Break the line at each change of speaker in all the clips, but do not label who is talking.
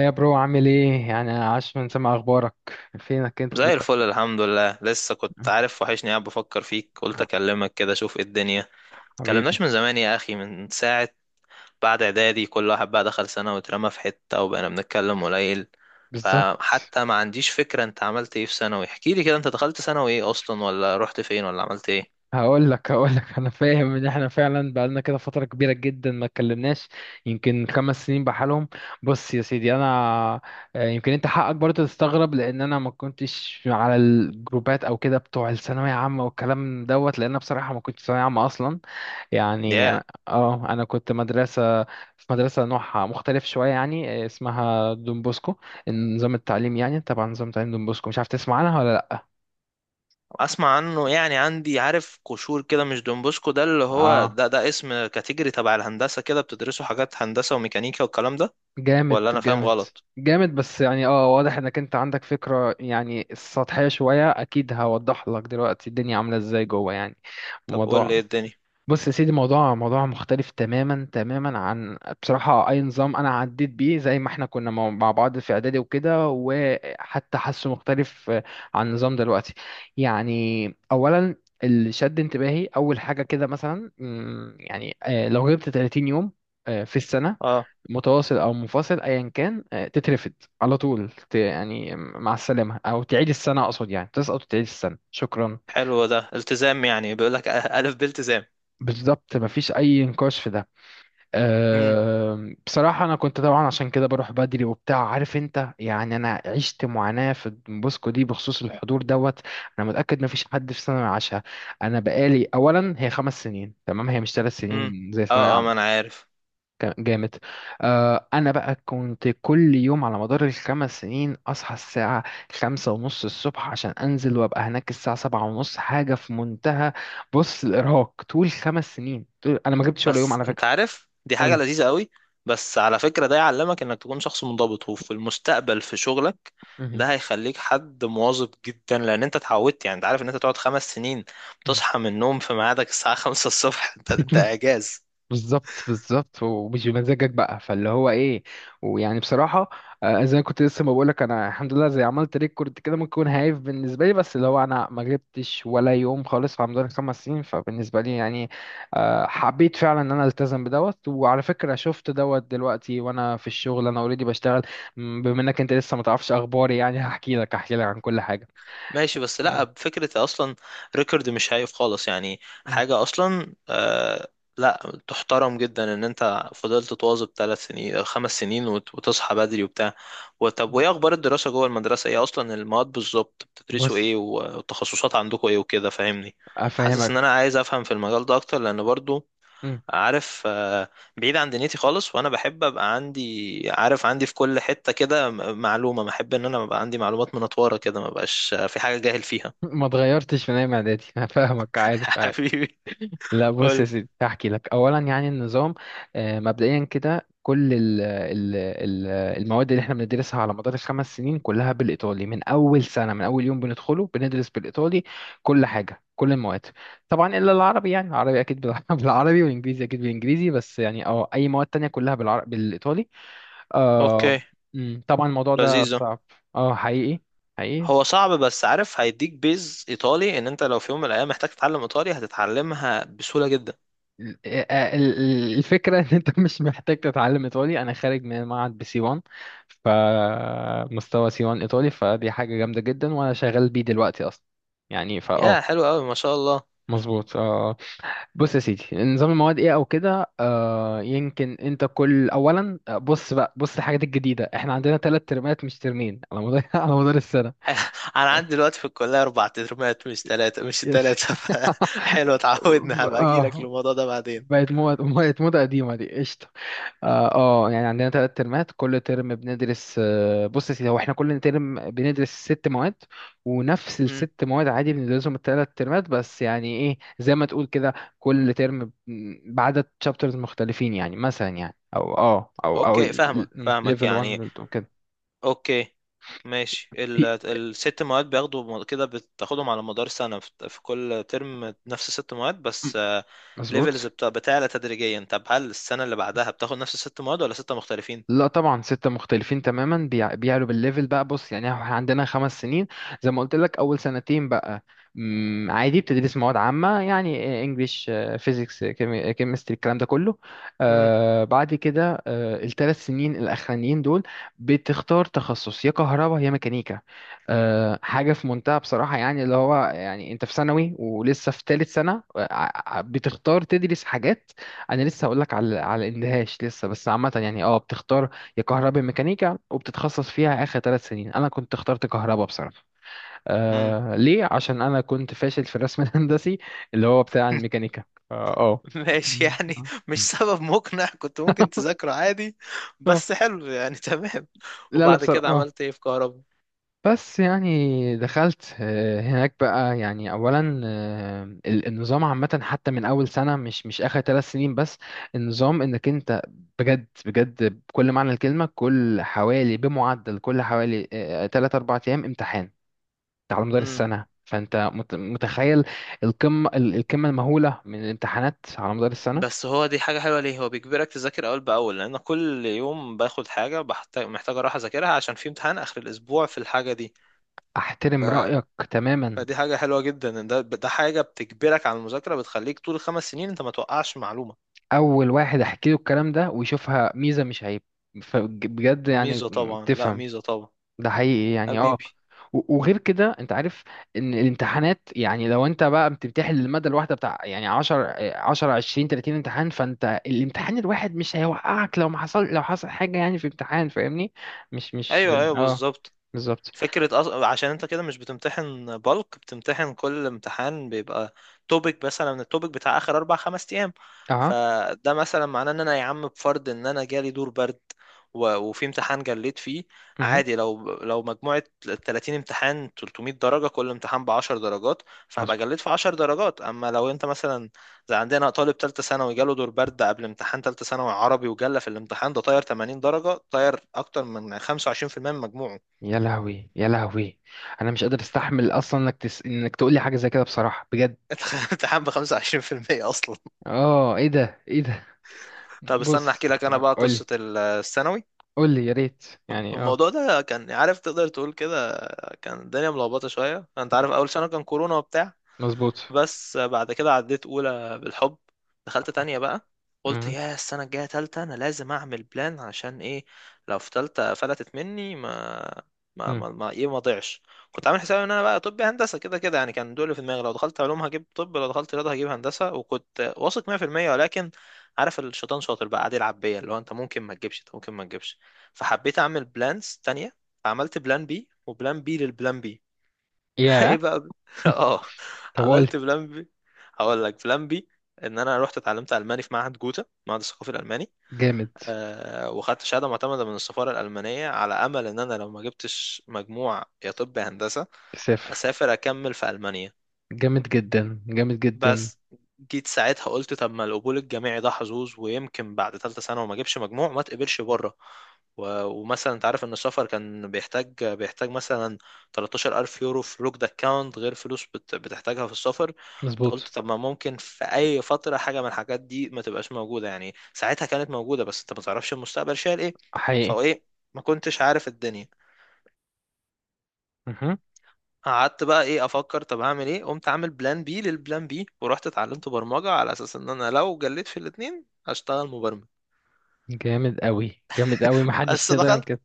يا برو، عامل ايه؟ يعني عاش من سمع اخبارك. فينك انت
زي
دلوقتي؟
الفل، الحمد لله. لسه كنت عارف وحشني، قاعد بفكر فيك، قلت اكلمك كده اشوف ايه الدنيا. متكلمناش
حبيبي.
من زمان يا اخي، من ساعة بعد اعدادي كل واحد بقى دخل سنة واترمى في حتة وبقينا بنتكلم قليل.
بالظبط.
فحتى ما عنديش فكرة انت عملت ايه في ثانوي. احكي لي كده، انت دخلت ثانوي ايه اصلا، ولا رحت فين، ولا عملت ايه؟
هقول لك. انا فاهم ان احنا فعلا بقالنا كده فتره كبيره جدا ما اتكلمناش. يمكن خمس سنين بحالهم. بص يا سيدي، انا يمكن انت حقك برضه تستغرب لان انا ما كنتش على الجروبات او كده بتوع الثانويه عامه والكلام دوت، لان أنا بصراحه ما كنتش ثانويه عامه اصلا. يعني
يا.
أنا كنت مدرسة، في مدرسة نوعها مختلف شوية، يعني اسمها دون بوسكو. نظام التعليم، يعني طبعا نظام تعليم دون بوسكو. مش عارف تسمع عنها ولا لأ؟
اسمع عنه يعني، عندي عارف قشور كده. مش دونبوسكو ده اللي هو
اه،
ده اسم كاتيجوري تبع الهندسة، كده بتدرسوا حاجات هندسة وميكانيكا والكلام ده؟
جامد
ولا انا فاهم
جامد
غلط؟
جامد. بس يعني واضح انك انت عندك فكرة يعني سطحية شوية. اكيد هوضح لك دلوقتي الدنيا عاملة ازاي جوه، يعني
طب قول لي
الموضوع.
ايه الدنيا.
بص يا سيدي، موضوع مختلف تماما تماما، عن بصراحة أي نظام أنا عديت بيه زي ما احنا كنا مع بعض في إعدادي وكده. وحتى حاسه مختلف عن النظام دلوقتي، يعني. أولا، اللي شد انتباهي أول حاجة كده، مثلا يعني لو غبت 30 يوم في السنة، متواصل أو منفصل أيا كان، تترفد على طول. يعني مع السلامة، أو تعيد السنة، أقصد يعني تسقط وتعيد السنة. شكرا.
حلو، ده التزام يعني، بيقول لك ألف بالتزام.
بالظبط، مفيش أي نقاش في ده.
امم.
أه، بصراحة أنا كنت طبعا عشان كده بروح بدري وبتاع، عارف أنت. يعني أنا عشت معاناة في بوسكو دي بخصوص الحضور دوت. أنا متأكد مفيش حد في ثانوي عاشها. أنا بقالي أولا، هي خمس سنين تمام، هي مش ثلاث
امم.
سنين زي ثانوية
اه، اه، ما انا
عامة.
عارف.
كان جامد. أه أنا بقى كنت كل يوم على مدار الخمس سنين أصحى الساعة خمسة ونص الصبح عشان أنزل وأبقى هناك الساعة سبعة ونص. حاجة في منتهى. بص، الإرهاق طول خمس سنين طول، أنا ما جبتش ولا يوم
بس
على
انت
فكرة.
عارف دي حاجة
قولي.
لذيذة قوي. بس على فكرة ده يعلمك انك تكون شخص منضبط، وفي المستقبل في شغلك
مهم.
ده هيخليك حد مواظب جدا، لان انت اتعودت. يعني انت عارف ان انت تقعد خمس سنين
مم.
بتصحى من النوم في ميعادك الساعة خمسة الصبح. انت اعجاز.
بالظبط بالظبط. ومش بمزاجك بقى، فاللي هو ايه. ويعني بصراحه زي ما كنت لسه ما بقولك، انا الحمد لله زي عملت ريكورد كده، ممكن يكون هايف بالنسبه لي، بس اللي هو انا ما جبتش ولا يوم خالص في رمضان خمس سنين، فبالنسبه لي يعني حبيت فعلا ان انا التزم بدوت. وعلى فكره شفت دوت دلوقتي وانا في الشغل، انا اوريدي بشتغل. بما انك انت لسه ما تعرفش اخباري، يعني هحكي لك عن كل حاجه.
ماشي، بس لا
آه.
بفكرة اصلا، ريكورد مش هايف خالص، يعني
مم.
حاجة اصلا. آه، لا، تحترم جدا ان انت فضلت تواظب ثلاث سنين أو خمس سنين وتصحى بدري وبتاع. وطب، وايه اخبار الدراسة جوه المدرسة؟ ايه اصلا المواد بالظبط بتدرسوا
بص،
ايه، والتخصصات عندكم ايه وكده؟ فاهمني، حاسس ان
افهمك.
انا عايز افهم في المجال ده اكتر، لان برضو عارف، بعيد عن دنيتي خالص. وانا بحب ابقى عندي، عارف، عندي في كل حتة كده معلومة، ما احب ان انا ابقى عندي معلومات منطورة كده، ما بقاش في حاجة جاهل فيها.
ما اتغيرتش من ايام اعدادي انا. فاهمك، عارف عارف.
حبيبي.
لا بص يا
قول.
سيدي، هحكي لك اولا يعني النظام. مبدئيا كده، كل ال ال ال المواد اللي احنا بندرسها على مدار الخمس سنين كلها بالايطالي. من اول سنه، من اول يوم بندخله بندرس بالايطالي، كل حاجه، كل المواد. طبعا الا العربي، يعني العربي اكيد بالعربي، والانجليزي اكيد بالانجليزي. بس يعني اي مواد تانية كلها بالعربي بالايطالي آه.
اوكي.
طبعا الموضوع ده
لذيذة.
صعب. اه، حقيقي حقيقي.
هو صعب، بس عارف، هيديك بيز ايطالي ان انت لو في يوم من الايام محتاج تتعلم ايطالي هتتعلمها بسهولة جدا.
ال- الفكرة ان انت مش محتاج تتعلم ايطالي. انا خارج من معهد بسي 1. فمستوى سي 1 ايطالي، فدي حاجة جامدة جدا، وانا شغال بيه دلوقتي اصلا. يعني
يا حلو قوي، ما شاء الله.
مظبوط آه. بص يا سيدي، نظام المواد ايه او كده. يمكن انت كل اولا بص بقى بص الحاجات الجديدة. احنا عندنا ثلاث ترمات مش ترمين، على مدار على مدار السنة.
انا عندي دلوقتي في الكليه اربع ترمات، مش ثلاثه مش
يس.
ثلاثه. حلو، اتعودنا. هبقى اجي لك
اه،
للموضوع ده بعدين.
بقت مواد، بقت موضة قديمة دي. قشطة. اه يعني عندنا ثلاث ترمات، كل ترم بندرس بص يا سيدي، هو احنا كل ترم بندرس ست مواد. ونفس الست مواد عادي بندرسهم الثلاث ترمات، بس يعني ايه، زي ما تقول كده، كل ترم بعدد شابترز مختلفين. يعني مثلا، يعني او اه او او
اوكي، فاهمك فاهمك
ليفل
يعني.
1 كده.
اوكي ماشي،
في-
الست مواد بياخدوا كده، بتاخدهم على مدار سنة، في كل ترم نفس الست مواد، بس ليفلز
مظبوط.
بتعلى تدريجيا. طب هل السنة اللي بعدها بتاخد نفس الست مواد ولا ستة مختلفين؟
لا طبعا، ستة مختلفين تماما. بيعلوا بالليفل بقى. بص يعني احنا عندنا خمس سنين، زي ما قلت لك أول سنتين بقى، عادي بتدرس مواد عامة، يعني انجليش، فيزيكس، كيمستري، الكلام ده كله.
امم.
آه، بعد كده الثلاث سنين الأخرانيين دول بتختار تخصص، يا كهرباء يا ميكانيكا. آه حاجة في منتهى بصراحة، يعني اللي هو يعني انت في ثانوي ولسه في ثالث سنة بتختار تدرس حاجات. انا لسه هقول لك على الاندهاش لسه، بس عامه يعني، اه بتختار يا كهرباء ميكانيكا وبتتخصص فيها اخر ثلاث سنين. انا كنت اخترت كهرباء بصراحه.
امم.
آه ليه؟ عشان انا كنت فاشل في الرسم الهندسي، اللي هو بتاع الميكانيكا. اه آه.
ماشي
مم.
يعني. مش سبب مقنع، كنت ممكن تذاكره عادي.
آه.
بس حلو يعني تمام.
لا لا،
وبعد
بصراحه
كده
آه.
عملت ايه في كهرباء؟
بس يعني دخلت هناك بقى، يعني اولا النظام عامه حتى من اول سنه، مش اخر ثلاث سنين بس. النظام انك انت بجد بجد بكل معنى الكلمه، كل حوالي، بمعدل كل حوالي 3 4 ايام امتحان، على مدار
امم.
السنه. فانت متخيل، القمه، القمه المهوله من الامتحانات على مدار السنه.
بس هو دي حاجة حلوة، ليه؟ هو بيجبرك تذاكر أول بأول، لأن كل يوم باخد حاجة بحتاج محتاج أروح أذاكرها عشان في امتحان آخر الأسبوع في الحاجة دي.
احترم
ف...
رايك تماما.
فدي حاجة حلوة جدا، إن ده حاجة بتجبرك على المذاكرة، بتخليك طول الخمس سنين أنت ما توقعش معلومة.
اول واحد احكي له الكلام ده ويشوفها ميزه مش عيب. فبجد يعني
ميزة طبعا، لا
بتفهم،
ميزة طبعا.
ده حقيقي يعني. اه
حبيبي.
وغير كده انت عارف ان الامتحانات، يعني لو انت بقى بتمتحن للمادة الواحدة بتاع يعني 10 10 20 30 امتحان، فانت الامتحان الواحد مش هيوقعك لو ما حصل، لو حصل حاجة يعني في امتحان، فاهمني؟ مش
أيوه، أيوه،
اه
بالظبط.
بالظبط.
عشان انت كده مش بتمتحن بالك، بتمتحن كل امتحان بيبقى توبيك مثلا من التوبيك بتاع اخر اربع خمس ايام.
اه
فده مثلا معناه ان انا، يا عم، بفرض ان انا جالي دور برد وفي امتحان جليت فيه،
مهم.
عادي. لو مجموعة 30 امتحان 300 درجة كل امتحان ب 10 درجات، فهبقى
مظبوط.
جليت في 10 درجات. اما لو انت مثلا، زي عندنا طالب تالتة ثانوي جاله دور برد قبل امتحان تالتة ثانوي عربي وجلى في الامتحان ده، طاير 80 درجة، طاير اكتر من 25% من مجموعه.
يا لهوي يا لهوي، انا مش قادر استحمل اصلا انك انك تقول لي حاجة زي كده، بصراحة بجد.
امتحان ب 25% اصلا!
اه ايه ده ايه ده.
طب استنى
بص
احكي لك انا بقى قصه
قولي.
الثانوي.
قولي يا ريت، يعني اه.
الموضوع ده كان، عارف، تقدر تقول كده، كان الدنيا ملخبطه شويه. انت عارف اول سنه كان كورونا وبتاع.
مظبوط.
بس بعد كده عديت اولى بالحب. دخلت تانية بقى، قلت يا السنة الجاية تالتة انا لازم اعمل بلان. عشان ايه؟ لو في تالتة فلتت مني، ما
مم.
ما ايه، ما ضيعش. كنت عامل حسابي ان انا بقى طب هندسة، كده كده يعني، كان دول في دماغي. لو دخلت علوم هجيب طب، لو دخلت رياضة هجيب هندسة، وكنت واثق 100%. ولكن عارف، الشيطان شاطر بقى، قاعد يلعب بيا، اللي هو انت ممكن ما تجيبش، انت ممكن ما تجيبش. فحبيت اعمل بلانز تانية، فعملت بلان بي، وبلان بي للبلان بي. ايه
ياه.
بقى اه.
طب قول.
عملت بلان بي. هقول لك بلان بي: ان انا رحت اتعلمت الماني في معهد جوتا، معهد الثقافي الالماني.
جامد.
أه، وخدت شهاده معتمده من السفاره الالمانيه، على امل ان انا لو ما جبتش مجموع يا طب يا هندسه،
صفر.
اسافر اكمل في المانيا.
جامد جدا جامد جدا.
بس جيت ساعتها قلت طب، ما القبول الجامعي ده حظوظ، ويمكن بعد ثالثه ثانوي وما اجيبش مجموع ما تقبلش بره. ومثلا انت عارف ان السفر كان بيحتاج مثلا 13,000 يورو في لوكد اكاونت، غير فلوس بتحتاجها في السفر. قلت
مظبوط.
طب ما ممكن في اي فتره حاجه من الحاجات دي ما تبقاش موجوده، يعني ساعتها كانت موجوده بس انت ما تعرفش المستقبل شايل ايه.
حقيقي.
فايه، ما كنتش عارف الدنيا.
مهم.
قعدت بقى ايه، افكر طب هعمل ايه، قمت عامل بلان بي للبلان بي، ورحت اتعلمت برمجة على اساس ان انا لو جليت في الاتنين هشتغل مبرمج.
جامد قوي جامد قوي، محدش
بس
يقدر
دخلت
ينكر.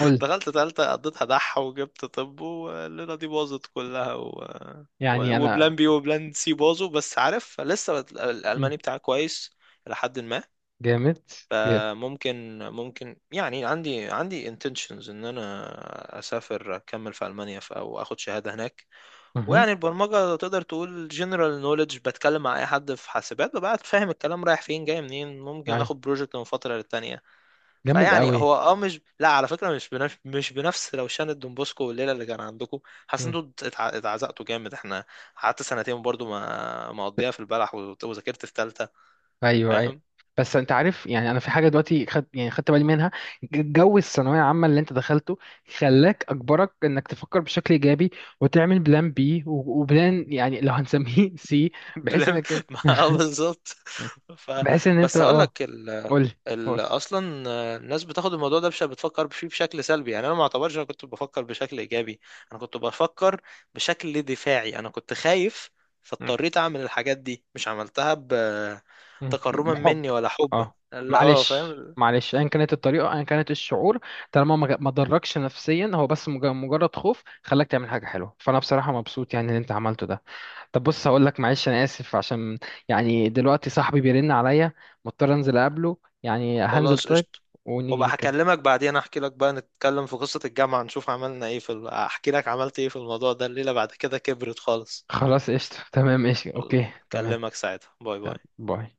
قول.
دخلت تالتة، قضيتها دح وجبت طب، والليلة دي باظت كلها
يعني انا.
وبلان بي وبلان سي باظوا. بس عارف لسه
مم.
الالماني بتاعي كويس الى حد ما.
جامد جامد.
فممكن يعني، عندي intentions ان انا اسافر اكمل في المانيا، او اخد شهادة هناك.
مهم.
ويعني البرمجة تقدر تقول جنرال نوليدج، بتكلم مع أي حد في حاسبات ببقى فاهم الكلام رايح فين جاي منين، ممكن
أي.
آخد بروجكت من فترة للتانية.
جامد
فيعني
قوي.
هو مش، لا على فكرة، مش بنفس روشان الدون بوسكو والليلة اللي كان عندكم. حاسس انتوا اتعزقتوا جامد. احنا قعدت سنتين برضو ما مقضيها في البلح، وذاكرت في تالتة.
ايوه ايوه.
فاهم.
بس انت عارف يعني، انا في حاجه دلوقتي خد، يعني خدت بالي منها، جو الثانويه العامه اللي انت دخلته خلاك، اجبرك انك تفكر بشكل ايجابي وتعمل بلان بي وبلان، يعني لو هنسميه سي، بحيث
بلم.
انك انت
ما بالظبط. ف
بحيث ان انت
بس هقول
اه.
لك،
قول لي.
اصلا الناس بتاخد الموضوع ده بتفكر فيه بشكل سلبي. يعني انا ما اعتبرش، انا كنت بفكر بشكل ايجابي، انا كنت بفكر بشكل دفاعي، انا كنت خايف، فاضطريت اعمل الحاجات دي. مش عملتها بتكرما
بحب.
مني ولا حبا،
اه،
لا،
معلش
فاهم.
معلش، ايا كانت الطريقه، ايا كانت الشعور، طالما ما ضركش نفسيا، هو بس مجرد خوف خلاك تعمل حاجه حلوه. فانا بصراحه مبسوط يعني ان انت عملته ده. طب بص هقول لك، معلش انا اسف عشان، يعني دلوقتي صاحبي بيرن عليا، مضطر انزل اقابله، يعني هنزل
خلاص
طيب.
قشطه.
ونيجي
وابقى
نكمل.
هكلمك بعدين، احكي لك بقى، نتكلم في قصة الجامعة، نشوف عملنا ايه في احكي لك عملت ايه في الموضوع ده الليلة بعد كده، كبرت خالص.
خلاص قشطة. تمام قشطة،
يلا،
اوكي، تمام.
اكلمك ساعتها. باي
تمام
باي.
باي.